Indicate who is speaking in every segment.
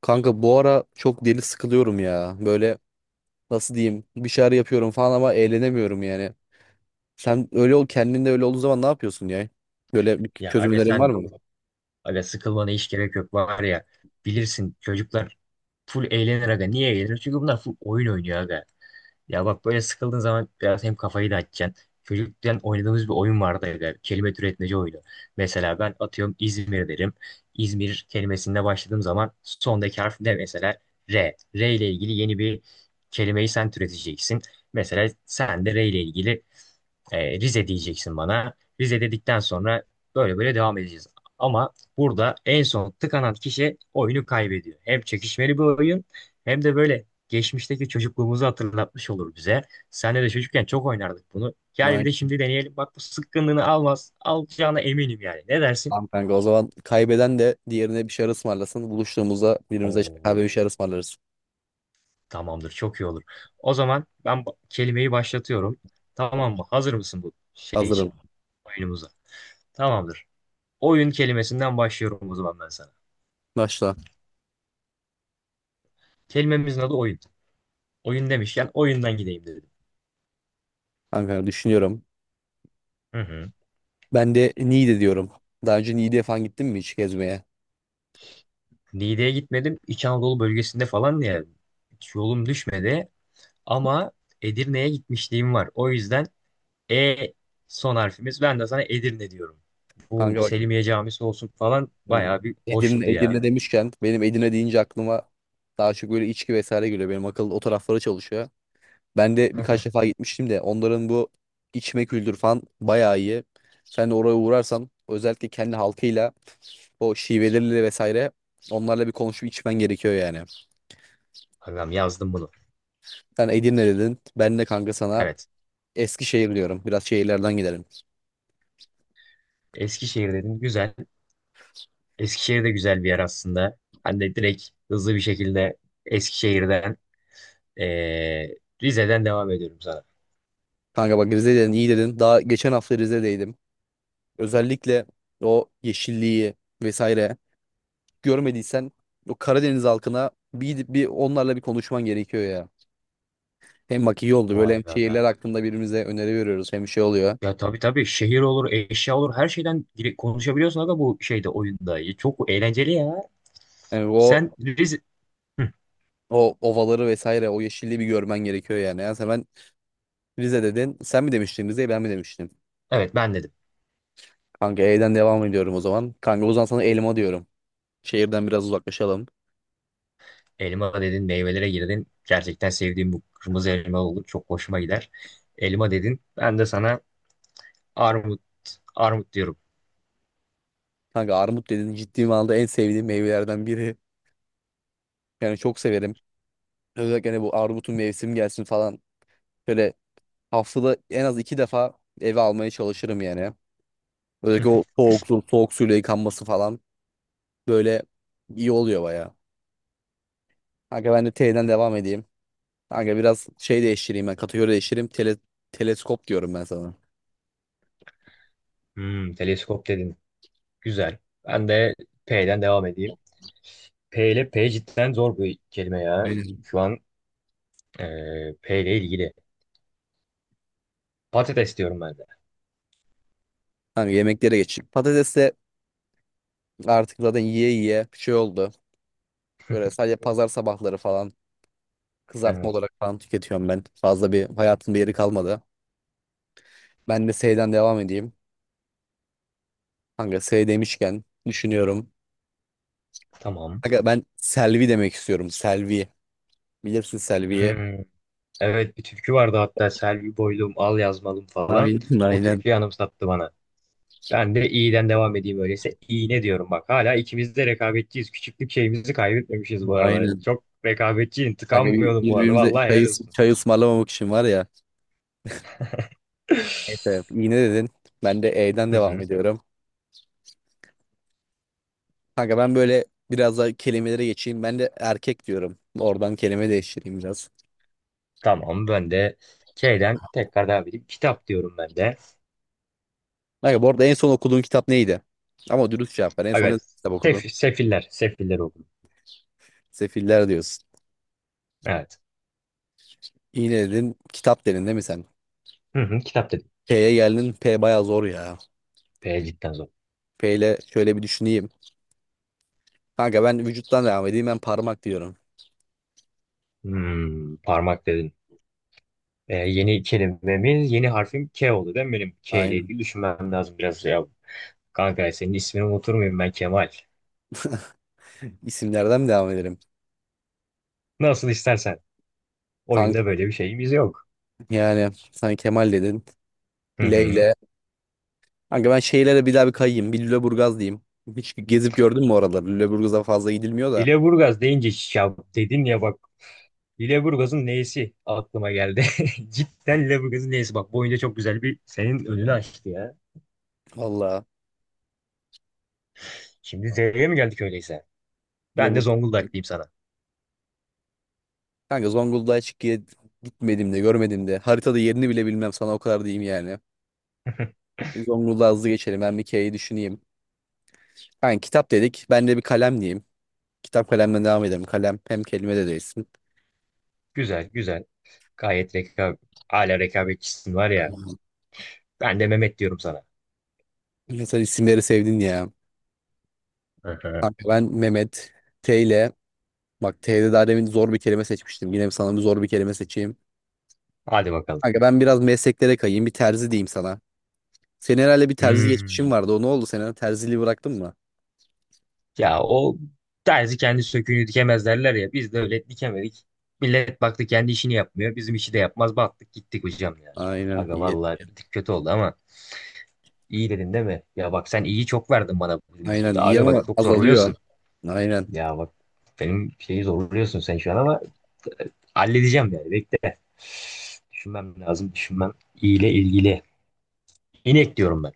Speaker 1: Kanka bu ara çok deli sıkılıyorum ya. Böyle nasıl diyeyim bir şeyler yapıyorum falan ama eğlenemiyorum yani. Sen öyle ol kendinde öyle olduğu zaman ne yapıyorsun ya? Böyle bir
Speaker 2: Ya aga
Speaker 1: çözüm var
Speaker 2: sen
Speaker 1: mı?
Speaker 2: aga sıkılmana hiç gerek yok var ya, bilirsin çocuklar full eğlenir aga. Niye eğlenir? Çünkü bunlar full oyun oynuyor aga. Ya bak, böyle sıkıldığın zaman biraz hem kafayı da dağıtacaksın. Çocukken oynadığımız bir oyun vardı aga, kelime türetmeci oyunu. Mesela ben atıyorum İzmir derim. İzmir kelimesinde başladığım zaman sondaki harf ne mesela? R. R ile ilgili yeni bir kelimeyi sen türeteceksin. Mesela sen de R ile ilgili Rize diyeceksin bana. Rize dedikten sonra böyle böyle devam edeceğiz. Ama burada en son tıkanan kişi oyunu kaybediyor. Hem çekişmeli bir oyun hem de böyle geçmişteki çocukluğumuzu hatırlatmış olur bize. Senle de çocukken çok oynardık bunu. Gel bir de
Speaker 1: Aynen.
Speaker 2: şimdi deneyelim. Bak bu sıkkınlığını almaz. Alacağına eminim yani. Ne dersin?
Speaker 1: Tamam kanka, o zaman kaybeden de diğerine bir şeyler ısmarlasın. Buluştuğumuzda birbirimize kahve
Speaker 2: Oo,
Speaker 1: bir şeyler ısmarlarız.
Speaker 2: tamamdır, çok iyi olur. O zaman ben bu kelimeyi başlatıyorum. Tamam mı? Hazır mısın bu şey için?
Speaker 1: Hazırım.
Speaker 2: Oyunumuza. Tamamdır. Oyun kelimesinden başlıyorum o zaman ben sana.
Speaker 1: Başla.
Speaker 2: Kelimemizin adı oyun. Oyun demişken oyundan gideyim dedim.
Speaker 1: Kanka düşünüyorum.
Speaker 2: Hı hı.
Speaker 1: Ben de Niğde diyorum. Daha önce Niğde'ye falan gittin mi hiç gezmeye?
Speaker 2: Niğde'ye gitmedim. İç Anadolu bölgesinde falan ya, hiç yolum düşmedi. Ama Edirne'ye gitmişliğim var. O yüzden E son harfimiz. Ben de sana Edirne diyorum. Bu
Speaker 1: Kanka bak.
Speaker 2: Selimiye Camisi olsun falan bayağı bir
Speaker 1: Edirne,
Speaker 2: hoştu ya.
Speaker 1: Edirne demişken benim Edirne deyince aklıma daha çok böyle içki vesaire geliyor. Benim akıl o taraflara çalışıyor. Ben de birkaç defa gitmiştim de onların bu içme kültürü falan bayağı iyi. Sen de oraya uğrarsan özellikle kendi halkıyla o şiveleriyle vesaire onlarla bir konuşup içmen gerekiyor yani.
Speaker 2: Adam yazdım bunu.
Speaker 1: Sen Edirne dedin. Ben de kanka sana
Speaker 2: Evet.
Speaker 1: Eskişehir diyorum. Biraz şehirlerden gidelim.
Speaker 2: Eskişehir dedim. Güzel. Eskişehir de güzel bir yer aslında. Hani de direkt hızlı bir şekilde Eskişehir'den Ee, Rize'den devam ediyorum sana.
Speaker 1: Kanka bak, Rize dedin, iyi dedin. Daha geçen hafta Rize'deydim. Özellikle o yeşilliği vesaire görmediysen o Karadeniz halkına bir gidip bir onlarla bir konuşman gerekiyor ya. Hem bak iyi oldu böyle,
Speaker 2: Vay
Speaker 1: hem
Speaker 2: be be.
Speaker 1: şehirler hakkında birbirimize öneri veriyoruz, hem şey oluyor.
Speaker 2: Ya tabii tabii, şehir olur, eşya olur. Her şeyden konuşabiliyorsun aga bu şeyde, oyunda. Ya çok eğlenceli ya.
Speaker 1: Yani o
Speaker 2: Sen Rize... Hı,
Speaker 1: o ovaları vesaire o yeşilliği bir görmen gerekiyor yani. Yani sen ben Rize dedin. Sen mi demiştin Rize'yi, ben mi demiştim?
Speaker 2: evet, ben dedim.
Speaker 1: Kanka E'den devam ediyorum o zaman. Kanka o zaman sana elma diyorum. Şehirden biraz uzaklaşalım.
Speaker 2: Elma dedin, meyvelere girdin. Gerçekten sevdiğim bu kırmızı elma olur. Çok hoşuma gider. Elma dedin. Ben de sana armut, armut diyorum.
Speaker 1: Kanka armut dedin, ciddi manada en sevdiğim meyvelerden biri. Yani çok severim. Özellikle hani bu armutun mevsim gelsin falan. Şöyle haftada en az iki defa eve almaya çalışırım yani. Özellikle o soğuk, su, soğuk suyla yıkanması falan böyle iyi oluyor baya. Kanka ben de teyden devam edeyim. Kanka biraz şey değiştireyim, ben kategori değiştireyim. Teleskop diyorum ben sana.
Speaker 2: Teleskop dedin. Güzel. Ben de P'den devam edeyim. P ile P cidden zor bir kelime ya.
Speaker 1: Aynen.
Speaker 2: Şu an P ile ilgili. Patates diyorum ben de.
Speaker 1: Kanka yemeklere geçeyim. Patates de artık zaten yiye yiye şey oldu. Böyle sadece pazar sabahları falan kızartma
Speaker 2: Evet.
Speaker 1: olarak falan tüketiyorum ben. Fazla bir hayatın bir yeri kalmadı. Ben de seyden devam edeyim. Kanka S demişken düşünüyorum.
Speaker 2: Tamam.
Speaker 1: Kanka ben Selvi demek istiyorum. Selvi. Bilirsin Selvi'yi.
Speaker 2: Hmm, Evet, bir türkü vardı hatta, Selvi Boylum al yazmalım falan.
Speaker 1: Aynen,
Speaker 2: O
Speaker 1: aynen.
Speaker 2: türküyü anımsattı bana. Ben de iyiden devam edeyim öyleyse. İğne diyorum, bak. Hala ikimiz de rekabetçiyiz. Küçüklük şeyimizi kaybetmemişiz bu arada.
Speaker 1: Aynen.
Speaker 2: Çok rekabetçiyim.
Speaker 1: Kanka
Speaker 2: Tıkanmıyordum bu arada.
Speaker 1: birbirimize
Speaker 2: Vallahi
Speaker 1: çay,
Speaker 2: helal olsun.
Speaker 1: çay ısmarlamamak için var ya. Neyse iğne dedin. Ben de E'den
Speaker 2: Hı
Speaker 1: devam
Speaker 2: hı.
Speaker 1: ediyorum. Kanka ben böyle biraz daha kelimelere geçeyim. Ben de erkek diyorum. Oradan kelime değiştireyim biraz.
Speaker 2: Tamam, ben de şeyden tekrar devam edeyim. Kitap diyorum ben de.
Speaker 1: Kanka bu arada en son okuduğun kitap neydi? Ama dürüst cevap ver. En son ne
Speaker 2: Evet.
Speaker 1: kitap okudun?
Speaker 2: Sefiller. Sefiller okudum.
Speaker 1: Sefiller diyorsun.
Speaker 2: Evet.
Speaker 1: İğne dedin. Kitap dedin değil mi sen?
Speaker 2: Hı hı, kitap dedim.
Speaker 1: P'ye geldin. P baya zor ya.
Speaker 2: P cidden zor.
Speaker 1: P ile şöyle bir düşüneyim. Kanka ben vücuttan devam edeyim. Ben parmak diyorum.
Speaker 2: Parmak dedin. Yeni kelimemiz, yeni harfim K oldu değil mi benim? K ile
Speaker 1: Aynen.
Speaker 2: ilgili düşünmem lazım biraz ya. Kanka, senin ismini unutur muyum ben, Kemal?
Speaker 1: İsimlerden mi devam edelim?
Speaker 2: Nasıl istersen.
Speaker 1: Kanka
Speaker 2: Oyunda böyle bir şeyimiz yok.
Speaker 1: yani sen Kemal dedin.
Speaker 2: Hı hı.
Speaker 1: Leyle. Kanka ben şeylere bir daha bir kayayım. Bir Lüleburgaz diyeyim. Hiç gezip gördün mü oraları? Lüleburgaz'a fazla gidilmiyor da.
Speaker 2: Hileburgaz deyince ya dedin ya, bak. Hileburgaz'ın neyisi aklıma geldi. Cidden Hileburgaz'ın neyisi, bak. Bu oyunda çok güzel bir senin önünü açtı ya.
Speaker 1: Valla.
Speaker 2: Şimdi Z'ye mi geldik öyleyse? Ben de
Speaker 1: Lüleburgaz.
Speaker 2: Zonguldak diyeyim sana.
Speaker 1: Kanka Zonguldak'a hiç gitmedim de, görmedim de. Haritada yerini bile bilmem, sana o kadar diyeyim yani. Zonguldak'a hızlı geçelim. Ben bir K'yi düşüneyim. Kanka kitap dedik. Ben de bir kalem diyeyim. Kitap kalemden devam edelim. Kalem hem kelime de değilsin.
Speaker 2: Güzel güzel. Gayet rekabet. Hala rekabetçisin var ya.
Speaker 1: Aynen.
Speaker 2: Ben de Mehmet diyorum sana.
Speaker 1: Sen isimleri sevdin ya.
Speaker 2: Hı hı.
Speaker 1: Kanka ben Mehmet, T ile, bak T'de daha demin zor bir kelime seçmiştim. Yine sana bir zor bir kelime seçeyim.
Speaker 2: Hadi bakalım.
Speaker 1: Kanka ben biraz mesleklere kayayım. Bir terzi diyeyim sana. Senin herhalde bir terzi geçmişin
Speaker 2: Hmm.
Speaker 1: vardı. O ne oldu? Sen herhalde terziliği bıraktın mı?
Speaker 2: Ya o terzi kendi söküğünü dikemez derler ya. Biz de öyle dikemedik. Millet baktı, kendi işini yapmıyor. Bizim işi de yapmaz. Battık gittik hocam ya.
Speaker 1: Aynen,
Speaker 2: Aga
Speaker 1: iyi.
Speaker 2: vallahi bir tık kötü oldu ama iyi dedin değil mi? Ya bak, sen iyi çok verdin bana bugün.
Speaker 1: Aynen iyi
Speaker 2: Aga bak,
Speaker 1: ama
Speaker 2: çok
Speaker 1: azalıyor.
Speaker 2: zorluyorsun.
Speaker 1: Aynen.
Speaker 2: Ya bak, benim şeyi zorluyorsun sen şu an ama halledeceğim yani, bekle. Düşünmem lazım, düşünmem. İyi ile ilgili. İnek diyorum ben.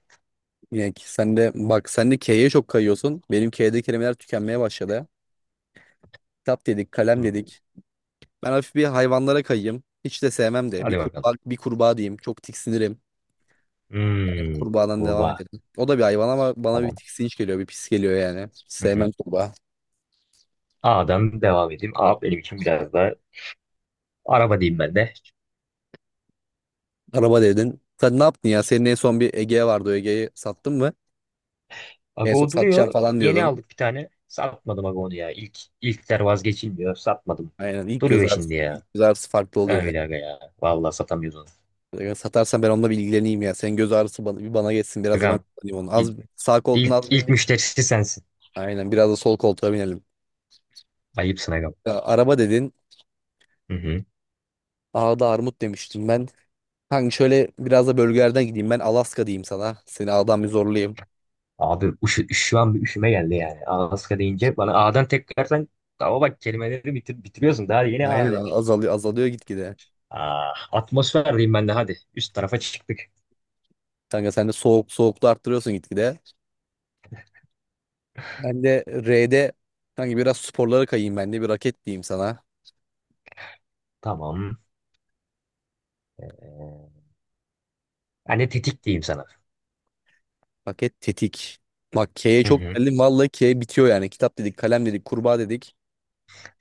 Speaker 1: Yani ki sen de bak, sen de K'ye çok kayıyorsun. Benim K'de kelimeler tükenmeye başladı. Kitap dedik, kalem
Speaker 2: Hmm.
Speaker 1: dedik. Ben hafif bir hayvanlara kayayım. Hiç de sevmem de. Bir
Speaker 2: Hadi bakalım.
Speaker 1: kurbağa, bir kurbağa diyeyim. Çok tiksinirim.
Speaker 2: Hmm.
Speaker 1: Kurbağadan devam
Speaker 2: Kurbağa.
Speaker 1: edelim. O da bir hayvan ama bana bir
Speaker 2: Tamam.
Speaker 1: tiksinç geliyor, bir pis geliyor yani. Sevmem kurbağa.
Speaker 2: A'dan devam edeyim. A benim için biraz daha, araba diyeyim ben de.
Speaker 1: Araba dedin. Sen ne yaptın ya? Senin en son bir Ege vardı. O Ege'yi sattın mı? En son
Speaker 2: Ago
Speaker 1: satacağım
Speaker 2: duruyor.
Speaker 1: falan
Speaker 2: Yeni
Speaker 1: diyordun.
Speaker 2: aldık bir tane. Satmadım Ago'nu ya. İlk, ilkler vazgeçilmiyor. Satmadım.
Speaker 1: Aynen. İlk göz
Speaker 2: Duruyor şimdi
Speaker 1: ağrısı,
Speaker 2: ya.
Speaker 1: ilk göz ağrısı farklı
Speaker 2: Ha,
Speaker 1: oluyor.
Speaker 2: öyle aga ya. Vallahi satamıyoruz onu.
Speaker 1: Yani. Satarsan ben onunla bir ilgileneyim ya. Senin göz ağrısı bana, bir bana geçsin. Biraz da ben
Speaker 2: Agam
Speaker 1: kullanayım onu. Az,
Speaker 2: ilk,
Speaker 1: sağ koltuğuna
Speaker 2: ilk,
Speaker 1: az
Speaker 2: ilk
Speaker 1: bindik.
Speaker 2: müşterisi sensin.
Speaker 1: Aynen. Biraz da sol koltuğa binelim.
Speaker 2: Ayıpsın agam.
Speaker 1: Ya, araba dedin.
Speaker 2: Hı hı.
Speaker 1: Ağda armut demiştim ben. Kanka şöyle biraz da bölgelerden gideyim. Ben Alaska diyeyim sana. Seni ağdan bir zorlayayım.
Speaker 2: Abi şu an bir üşüme geldi yani. Alaska deyince bana A'dan tekrardan, ama bak kelimeleri bitiriyorsun. Daha yeni A
Speaker 1: Aynen,
Speaker 2: demiştin.
Speaker 1: azalıyor azalıyor gitgide.
Speaker 2: Ah, atmosfer diyeyim ben de hadi. Üst tarafa çıktık.
Speaker 1: Kanka sen de soğuk soğuklu arttırıyorsun gitgide. Ben de R'de, kanka biraz sporlara kayayım, ben de bir raket diyeyim sana.
Speaker 2: Tamam. Ee, Ben tetik diyeyim sana.
Speaker 1: Raket, tetik. Bak K'ye
Speaker 2: Hı
Speaker 1: çok
Speaker 2: hı.
Speaker 1: geldim. Vallahi K bitiyor yani. Kitap dedik, kalem dedik, kurbağa dedik.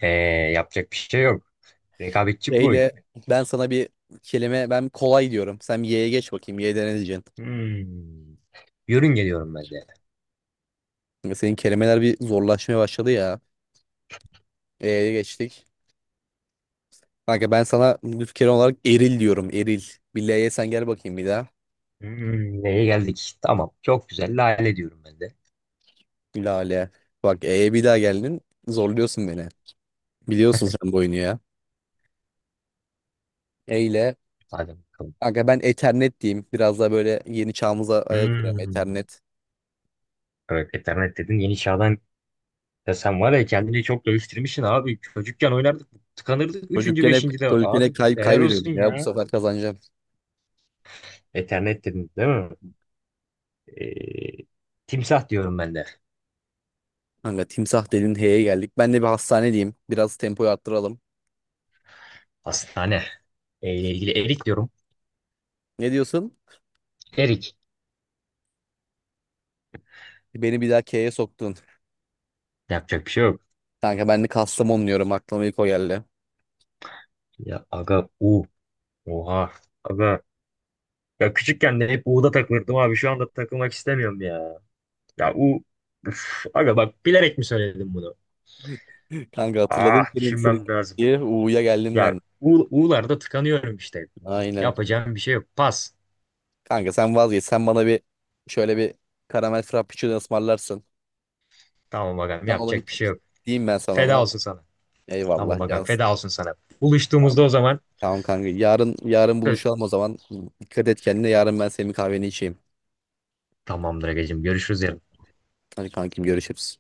Speaker 2: Ee, Yapacak bir şey yok.
Speaker 1: K
Speaker 2: Rekabetçi bir oyun.
Speaker 1: ile ben sana bir kelime, ben kolay diyorum. Sen Y'ye geç bakayım. Y'de ne diyeceksin?
Speaker 2: Hmm. Yörün geliyorum ben de.
Speaker 1: Kanka senin kelimeler bir zorlaşmaya başladı ya. E'ye geçtik. Kanka ben sana lüf kelime olarak eril diyorum. Eril. Bir L'ye sen gel bakayım bir daha.
Speaker 2: Neye geldik? Tamam. Çok güzel. Lale diyorum ben de.
Speaker 1: Lale. Bak E'ye bir daha geldin. Zorluyorsun beni. Biliyorsun sen bu oyunu ya. Eyle.
Speaker 2: Hadi bakalım.
Speaker 1: Kanka ben Ethernet diyeyim. Biraz daha böyle yeni çağımıza ayak uyuyorum,
Speaker 2: Hmm.
Speaker 1: Ethernet.
Speaker 2: Evet, Ethernet dedin. Yeni çağdan ya, sen var ya, kendini çok dövüştürmüşsün abi. Çocukken oynardık. Tıkanırdık. Üçüncü,
Speaker 1: Çocukken hep,
Speaker 2: beşinci de.
Speaker 1: çocukken
Speaker 2: Abi
Speaker 1: hep
Speaker 2: helal olsun
Speaker 1: kaybediyordum ya. Bu
Speaker 2: ya.
Speaker 1: sefer kazanacağım.
Speaker 2: Ethernet dedin değil mi? Ee, Timsah diyorum ben de.
Speaker 1: Kanka timsah dedin, H'ye geldik. Ben de bir hastane diyeyim. Biraz tempoyu arttıralım.
Speaker 2: Hastane. E ile ilgili erik diyorum.
Speaker 1: Ne diyorsun?
Speaker 2: Erik.
Speaker 1: Beni bir daha K'ye soktun.
Speaker 2: Yapacak bir şey yok.
Speaker 1: Kanka ben de Kastamonu diyorum, aklıma ilk o geldi.
Speaker 2: Ya aga U. Oha. Aga. Ya küçükken de hep U'da takılırdım abi. Şu anda takılmak istemiyorum ya. Ya U. Üf, aga bak, bilerek mi söyledim bunu?
Speaker 1: Kanka hatırladım,
Speaker 2: Ah,
Speaker 1: senin
Speaker 2: düşünmem lazım.
Speaker 1: diye U'ya geldim
Speaker 2: Ya
Speaker 1: ben.
Speaker 2: U, U'larda tıkanıyorum işte.
Speaker 1: Aynen.
Speaker 2: Yapacağım bir şey yok. Pas.
Speaker 1: Kanka sen vazgeç. Sen bana bir şöyle bir karamel frappuccino ısmarlarsın.
Speaker 2: Tamam agam,
Speaker 1: Sen ona
Speaker 2: yapacak bir şey yok.
Speaker 1: diyeyim ben sana
Speaker 2: Feda
Speaker 1: ona.
Speaker 2: olsun sana.
Speaker 1: Eyvallah.
Speaker 2: Tamam agam,
Speaker 1: Yaz.
Speaker 2: feda olsun sana. Buluştuğumuzda o zaman.
Speaker 1: Tamam kanka. Yarın, yarın
Speaker 2: Ö-
Speaker 1: buluşalım o zaman. Dikkat et kendine. Yarın ben senin kahveni içeyim.
Speaker 2: Tamamdır agacığım, görüşürüz yarın.
Speaker 1: Hadi kankim, görüşürüz.